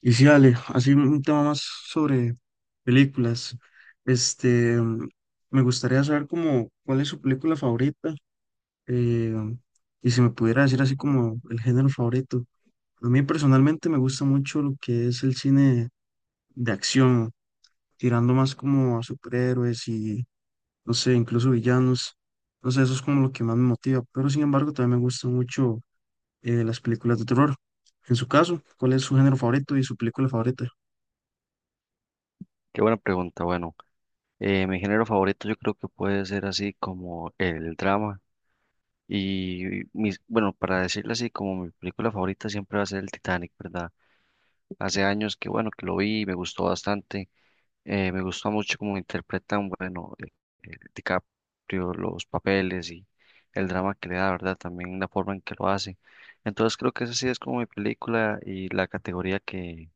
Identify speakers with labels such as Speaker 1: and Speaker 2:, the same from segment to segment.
Speaker 1: Y sí, Ale, así un tema más sobre películas. Este, mm, Me gustaría saber como cuál es su película favorita, eh, y si me pudiera decir así como el género favorito. A mí personalmente me gusta mucho lo que es el cine de acción, tirando más como a superhéroes y, no sé, incluso villanos. No sé, eso es como lo que más me motiva. Pero sin embargo, también me gustan mucho las películas de terror. En su caso, ¿cuál es su género favorito y su película favorita?
Speaker 2: Qué buena pregunta. Bueno, mi género favorito yo creo que puede ser así como el drama. Y bueno, para decirlo así, como mi película favorita siempre va a ser el Titanic, ¿verdad? Hace años que bueno, que lo vi y me gustó bastante. Me gustó mucho cómo interpretan, bueno, DiCaprio, los papeles y el drama que le da, ¿verdad? También la forma en que lo hace. Entonces creo que esa sí es como mi película y la categoría que,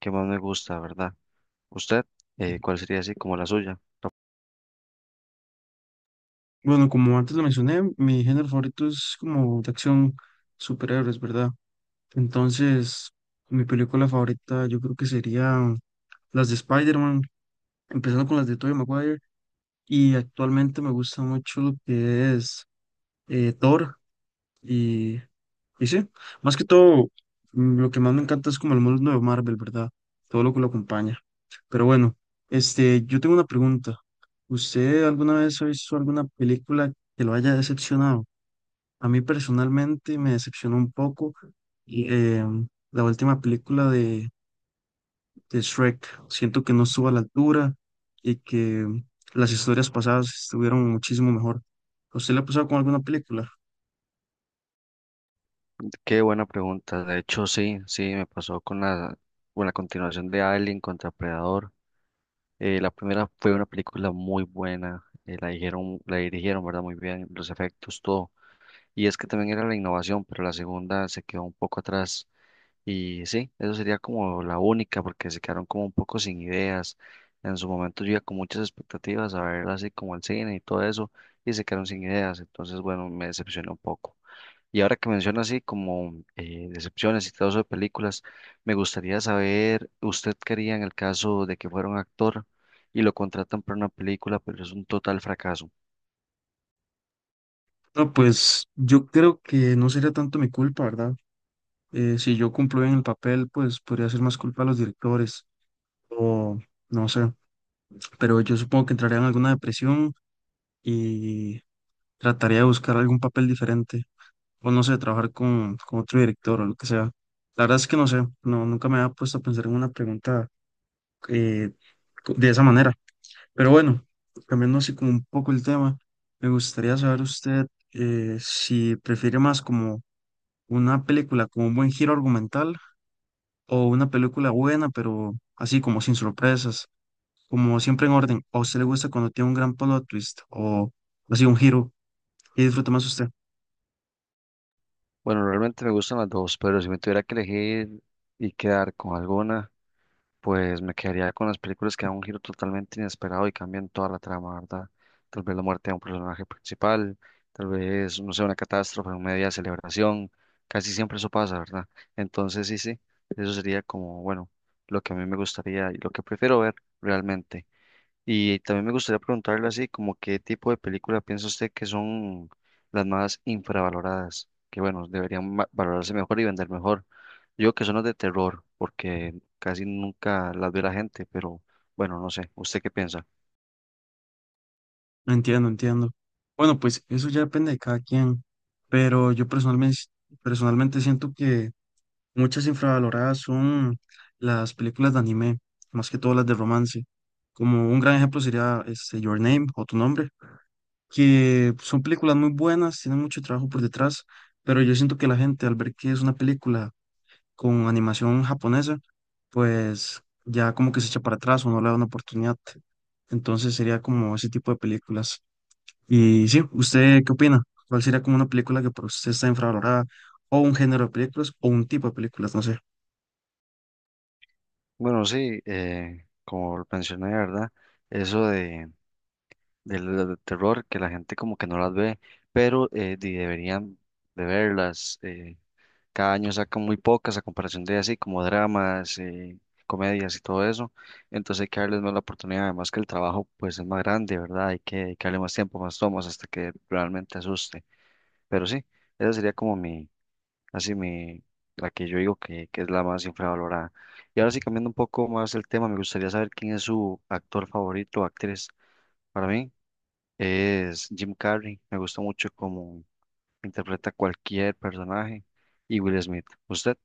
Speaker 2: que más me gusta, ¿verdad? ¿Usted, cuál sería así como la suya?
Speaker 1: Bueno, como antes lo mencioné, mi género favorito es como de acción, superhéroes, ¿verdad? Entonces, mi película favorita yo creo que serían las de Spider-Man, empezando con las de Tobey Maguire, y actualmente me gusta mucho lo que es Thor, y, y sí, más que todo, lo que más me encanta es como el mundo de Marvel, ¿verdad? Todo lo que lo acompaña. Pero bueno, este, yo tengo una pregunta. ¿Usted alguna vez ha visto alguna película que lo haya decepcionado? A mí personalmente me decepcionó un poco y, la última película de Shrek. Siento que no estuvo a la altura y que las historias pasadas estuvieron muchísimo mejor. ¿A usted le ha pasado con alguna película?
Speaker 2: Qué buena pregunta. De hecho, sí, sí, me pasó con con la continuación de Alien contra Predador. La primera fue una película muy buena. La dijeron, la dirigieron, ¿verdad? Muy bien, los efectos, todo. Y es que también era la innovación, pero la segunda se quedó un poco atrás. Y sí, eso sería como la única, porque se quedaron como un poco sin ideas. En su momento yo iba con muchas expectativas a ver así como el cine y todo eso, y se quedaron sin ideas. Entonces, bueno, me decepcionó un poco. Y ahora que menciona así como decepciones y todo eso de películas, me gustaría saber, ¿usted quería en el caso de que fuera un actor y lo contratan para una película, pero es un total fracaso?
Speaker 1: No, pues yo creo que no sería tanto mi culpa, ¿verdad? Si yo cumplo bien el papel, pues podría ser más culpa a los directores o no sé, pero yo supongo que entraría en alguna depresión y trataría de buscar algún papel diferente. O no sé, trabajar con otro director o lo que sea. La verdad es que no sé, no, nunca me había puesto a pensar en una pregunta eh, de esa manera. Pero bueno, cambiando así como un poco el tema, me gustaría saber usted, si prefiere más como una película con un buen giro argumental o una película buena, pero así como sin sorpresas, como siempre en orden. ¿O a usted le gusta cuando tiene un gran plot twist o así un giro y disfruta más usted?
Speaker 2: Bueno, realmente me gustan las dos, pero si me tuviera que elegir y quedar con alguna... Pues me quedaría con las películas que dan un giro totalmente inesperado y cambian toda la trama, ¿verdad? Tal vez la muerte de un personaje principal, tal vez, no sé, una catástrofe, una media celebración, casi siempre eso pasa, ¿verdad? Entonces, sí, sí, eso sería como, bueno, lo que a mí me gustaría y lo que prefiero ver realmente. Y también me gustaría preguntarle así, como qué tipo de película piensa usted que son las más infravaloradas, que bueno, deberían valorarse mejor y vender mejor. Yo que son las de terror, porque casi nunca las ve la gente, pero bueno, no sé, ¿usted qué piensa?
Speaker 1: Entiendo, entiendo. Bueno, pues eso ya depende de cada quien, pero yo personalmente siento que muchas infravaloradas son las películas de anime, más que todas las de romance. Como un gran ejemplo sería este, Your Name o Tu Nombre, que son películas muy buenas, tienen mucho trabajo por detrás, pero yo siento que la gente al ver que es una película con animación japonesa, pues ya como que se echa para atrás o no le da una oportunidad. Entonces sería como ese tipo de películas. Y sí, ¿usted qué opina? ¿Cuál sería como una película que para usted está infravalorada? ¿O un género de películas? ¿O un tipo de películas? No sé.
Speaker 2: Bueno, sí, como lo mencioné, ¿verdad? Eso de, Del las terror, que la gente como que no las ve, pero deberían de verlas. Cada año sacan muy pocas a comparación de así como dramas, comedias y todo eso. Entonces hay que darles más la oportunidad, además que el trabajo pues es más grande, ¿verdad? Hay que dedicarle más tiempo, más tomas hasta que realmente asuste. Pero sí, esa sería como así la que yo digo que es la más infravalorada. Y ahora sí, cambiando un poco más el tema, me gustaría saber quién es su actor favorito o actriz. Para mí es Jim Carrey, me gusta mucho cómo interpreta cualquier personaje y Will Smith. ¿Usted?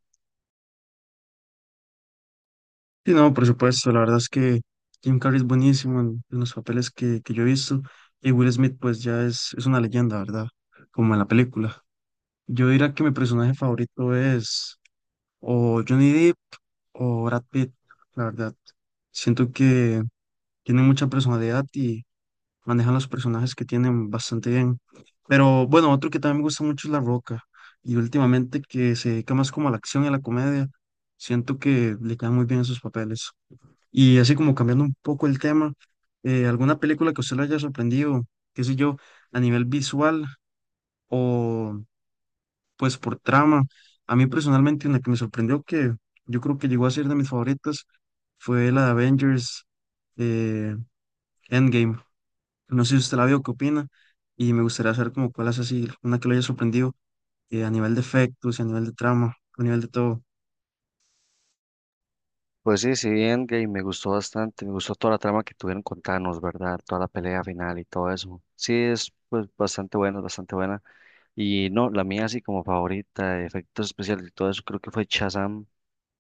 Speaker 1: Sí, no, por supuesto. La verdad es que Jim Carrey es buenísimo en los papeles que yo he visto. Y Will Smith, pues ya es una leyenda, ¿verdad? Como en la película. Yo diría que mi personaje favorito es o Johnny Depp o Brad Pitt, la verdad. Siento que tienen mucha personalidad y manejan los personajes que tienen bastante bien. Pero bueno, otro que también me gusta mucho es La Roca. Y últimamente que se dedica más como a la acción y a la comedia, siento que le quedan muy bien esos papeles. Y así como cambiando un poco el tema, ¿alguna película que a usted le haya sorprendido, qué sé yo, a nivel visual o pues por trama? A mí personalmente una que me sorprendió que yo creo que llegó a ser de mis favoritas fue la de Avengers eh, Endgame. No sé si usted la vio, qué opina. Y me gustaría saber como cuál es así, una que lo haya sorprendido, a nivel de efectos, y a nivel de trama, a nivel de todo.
Speaker 2: Pues sí, sí, bien, gay, me gustó bastante, me gustó toda la trama que tuvieron con Thanos, ¿verdad? Toda la pelea final y todo eso. Sí, es pues bastante buena, bastante buena. Y no, la mía así como favorita, de efectos especiales y todo eso, creo que fue Shazam,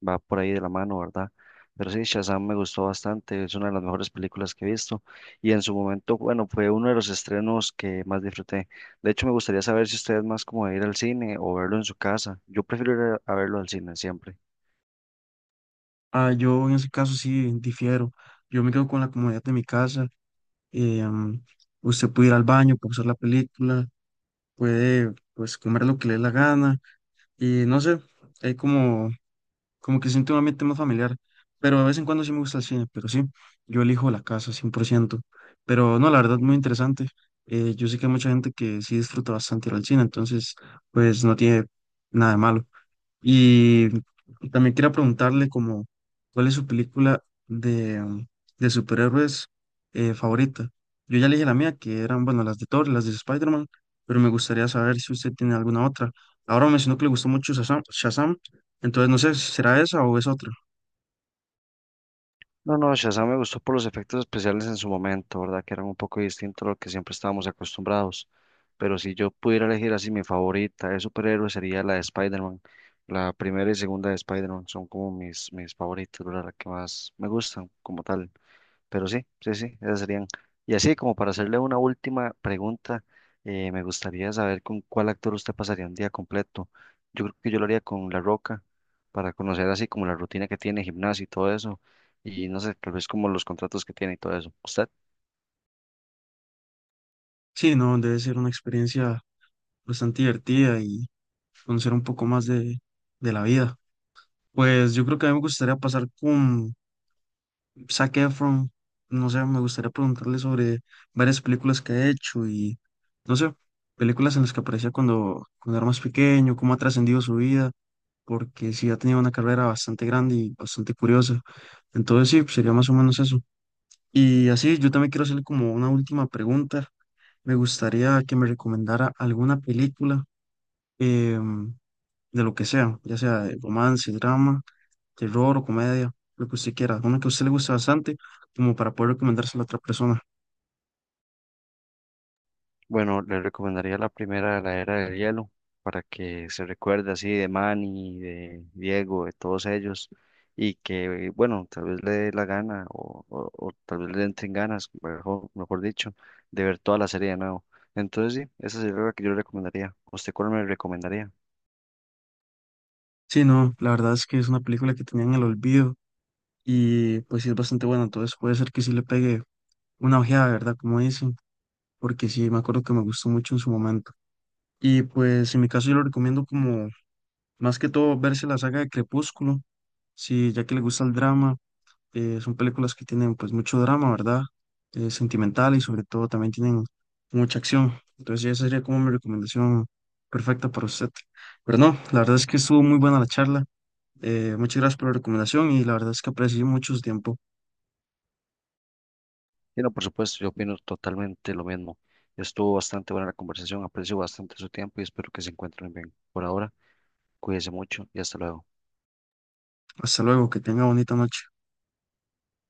Speaker 2: va por ahí de la mano, ¿verdad? Pero sí, Shazam me gustó bastante, es una de las mejores películas que he visto. Y en su momento, bueno, fue uno de los estrenos que más disfruté. De hecho, me gustaría saber si usted es más como de ir al cine o verlo en su casa. Yo prefiero ir a verlo al cine siempre.
Speaker 1: Ah, yo en ese caso sí difiero. Yo me quedo con la comodidad de mi casa. eh, mm, Usted puede ir al baño, puede usar la película, puede pues comer lo que le dé la gana. Y no sé, hay como que siento un ambiente más familiar, pero de vez en cuando sí me gusta el cine, pero sí, yo elijo la casa 100%. Pero no, la verdad, muy interesante. Yo sé que hay mucha gente que sí disfruta bastante ir al cine, entonces, pues no tiene nada de malo. Y también quería preguntarle como, ¿cuál es su película de de superhéroes favorita? Yo ya le dije la mía, que eran, bueno, las de Thor, las de Spider-Man, pero me gustaría saber si usted tiene alguna otra. Ahora me mencionó que le gustó mucho Shazam, entonces no sé, ¿será esa o es otra?
Speaker 2: No, no, Shazam me gustó por los efectos especiales en su momento, ¿verdad? Que eran un poco distintos a lo que siempre estábamos acostumbrados. Pero si yo pudiera elegir así mi favorita de superhéroe sería la de Spider-Man. La primera y segunda de Spider-Man son como mis favoritas, ¿verdad? Las que más me gustan como tal. Pero sí, sí, sí, esas serían. Y así como para hacerle una última pregunta, me gustaría saber con cuál actor usted pasaría un día completo. Yo creo que yo lo haría con La Roca, para conocer así como la rutina que tiene, gimnasio y todo eso, y no sé, tal vez como los contratos que tiene y todo eso. ¿Usted?
Speaker 1: Sí, no, debe ser una experiencia bastante divertida y conocer un poco más de la vida. Pues yo creo que a mí me gustaría pasar con Zac Efron, no sé, me gustaría preguntarle sobre varias películas que ha hecho y, no sé, películas en las que aparecía cuando era más pequeño, cómo ha trascendido su vida, porque sí ha tenido una carrera bastante grande y bastante curiosa. Entonces sí, pues, sería más o menos eso. Y así, yo también quiero hacerle como una última pregunta. Me gustaría que me recomendara alguna película, em, de lo que sea, ya sea de romance, drama, terror o comedia, lo que usted quiera, una que a usted le guste bastante, como para poder recomendársela a otra persona.
Speaker 2: Bueno, le recomendaría la primera de la era del hielo para que se recuerde así de Manny, de Diego, de todos ellos y que, bueno, tal vez le dé la gana o tal vez le entren ganas, mejor dicho, de ver toda la serie de nuevo. Entonces, sí, esa sería la que yo le recomendaría. ¿Usted cuál me recomendaría?
Speaker 1: Sí, no, la verdad es que es una película que tenía en el olvido y pues sí es bastante buena, entonces puede ser que sí le pegue una ojeada, ¿verdad? Como dicen, porque sí, me acuerdo que me gustó mucho en su momento. Y pues en mi caso yo lo recomiendo como más que todo verse la saga de Crepúsculo, si ya que le gusta el drama, son películas que tienen pues mucho drama, ¿verdad? Sentimental y sobre todo también tienen mucha acción. Entonces esa sería como mi recomendación perfecta para usted. Pero no, la verdad es que estuvo muy buena la charla. Muchas gracias por la recomendación y la verdad es que aprecié mucho su tiempo.
Speaker 2: Y no, por supuesto, yo opino totalmente lo mismo. Estuvo bastante buena la conversación, aprecio bastante su tiempo y espero que se encuentren bien. Por ahora, cuídense mucho y hasta luego.
Speaker 1: Hasta luego, que tenga bonita noche.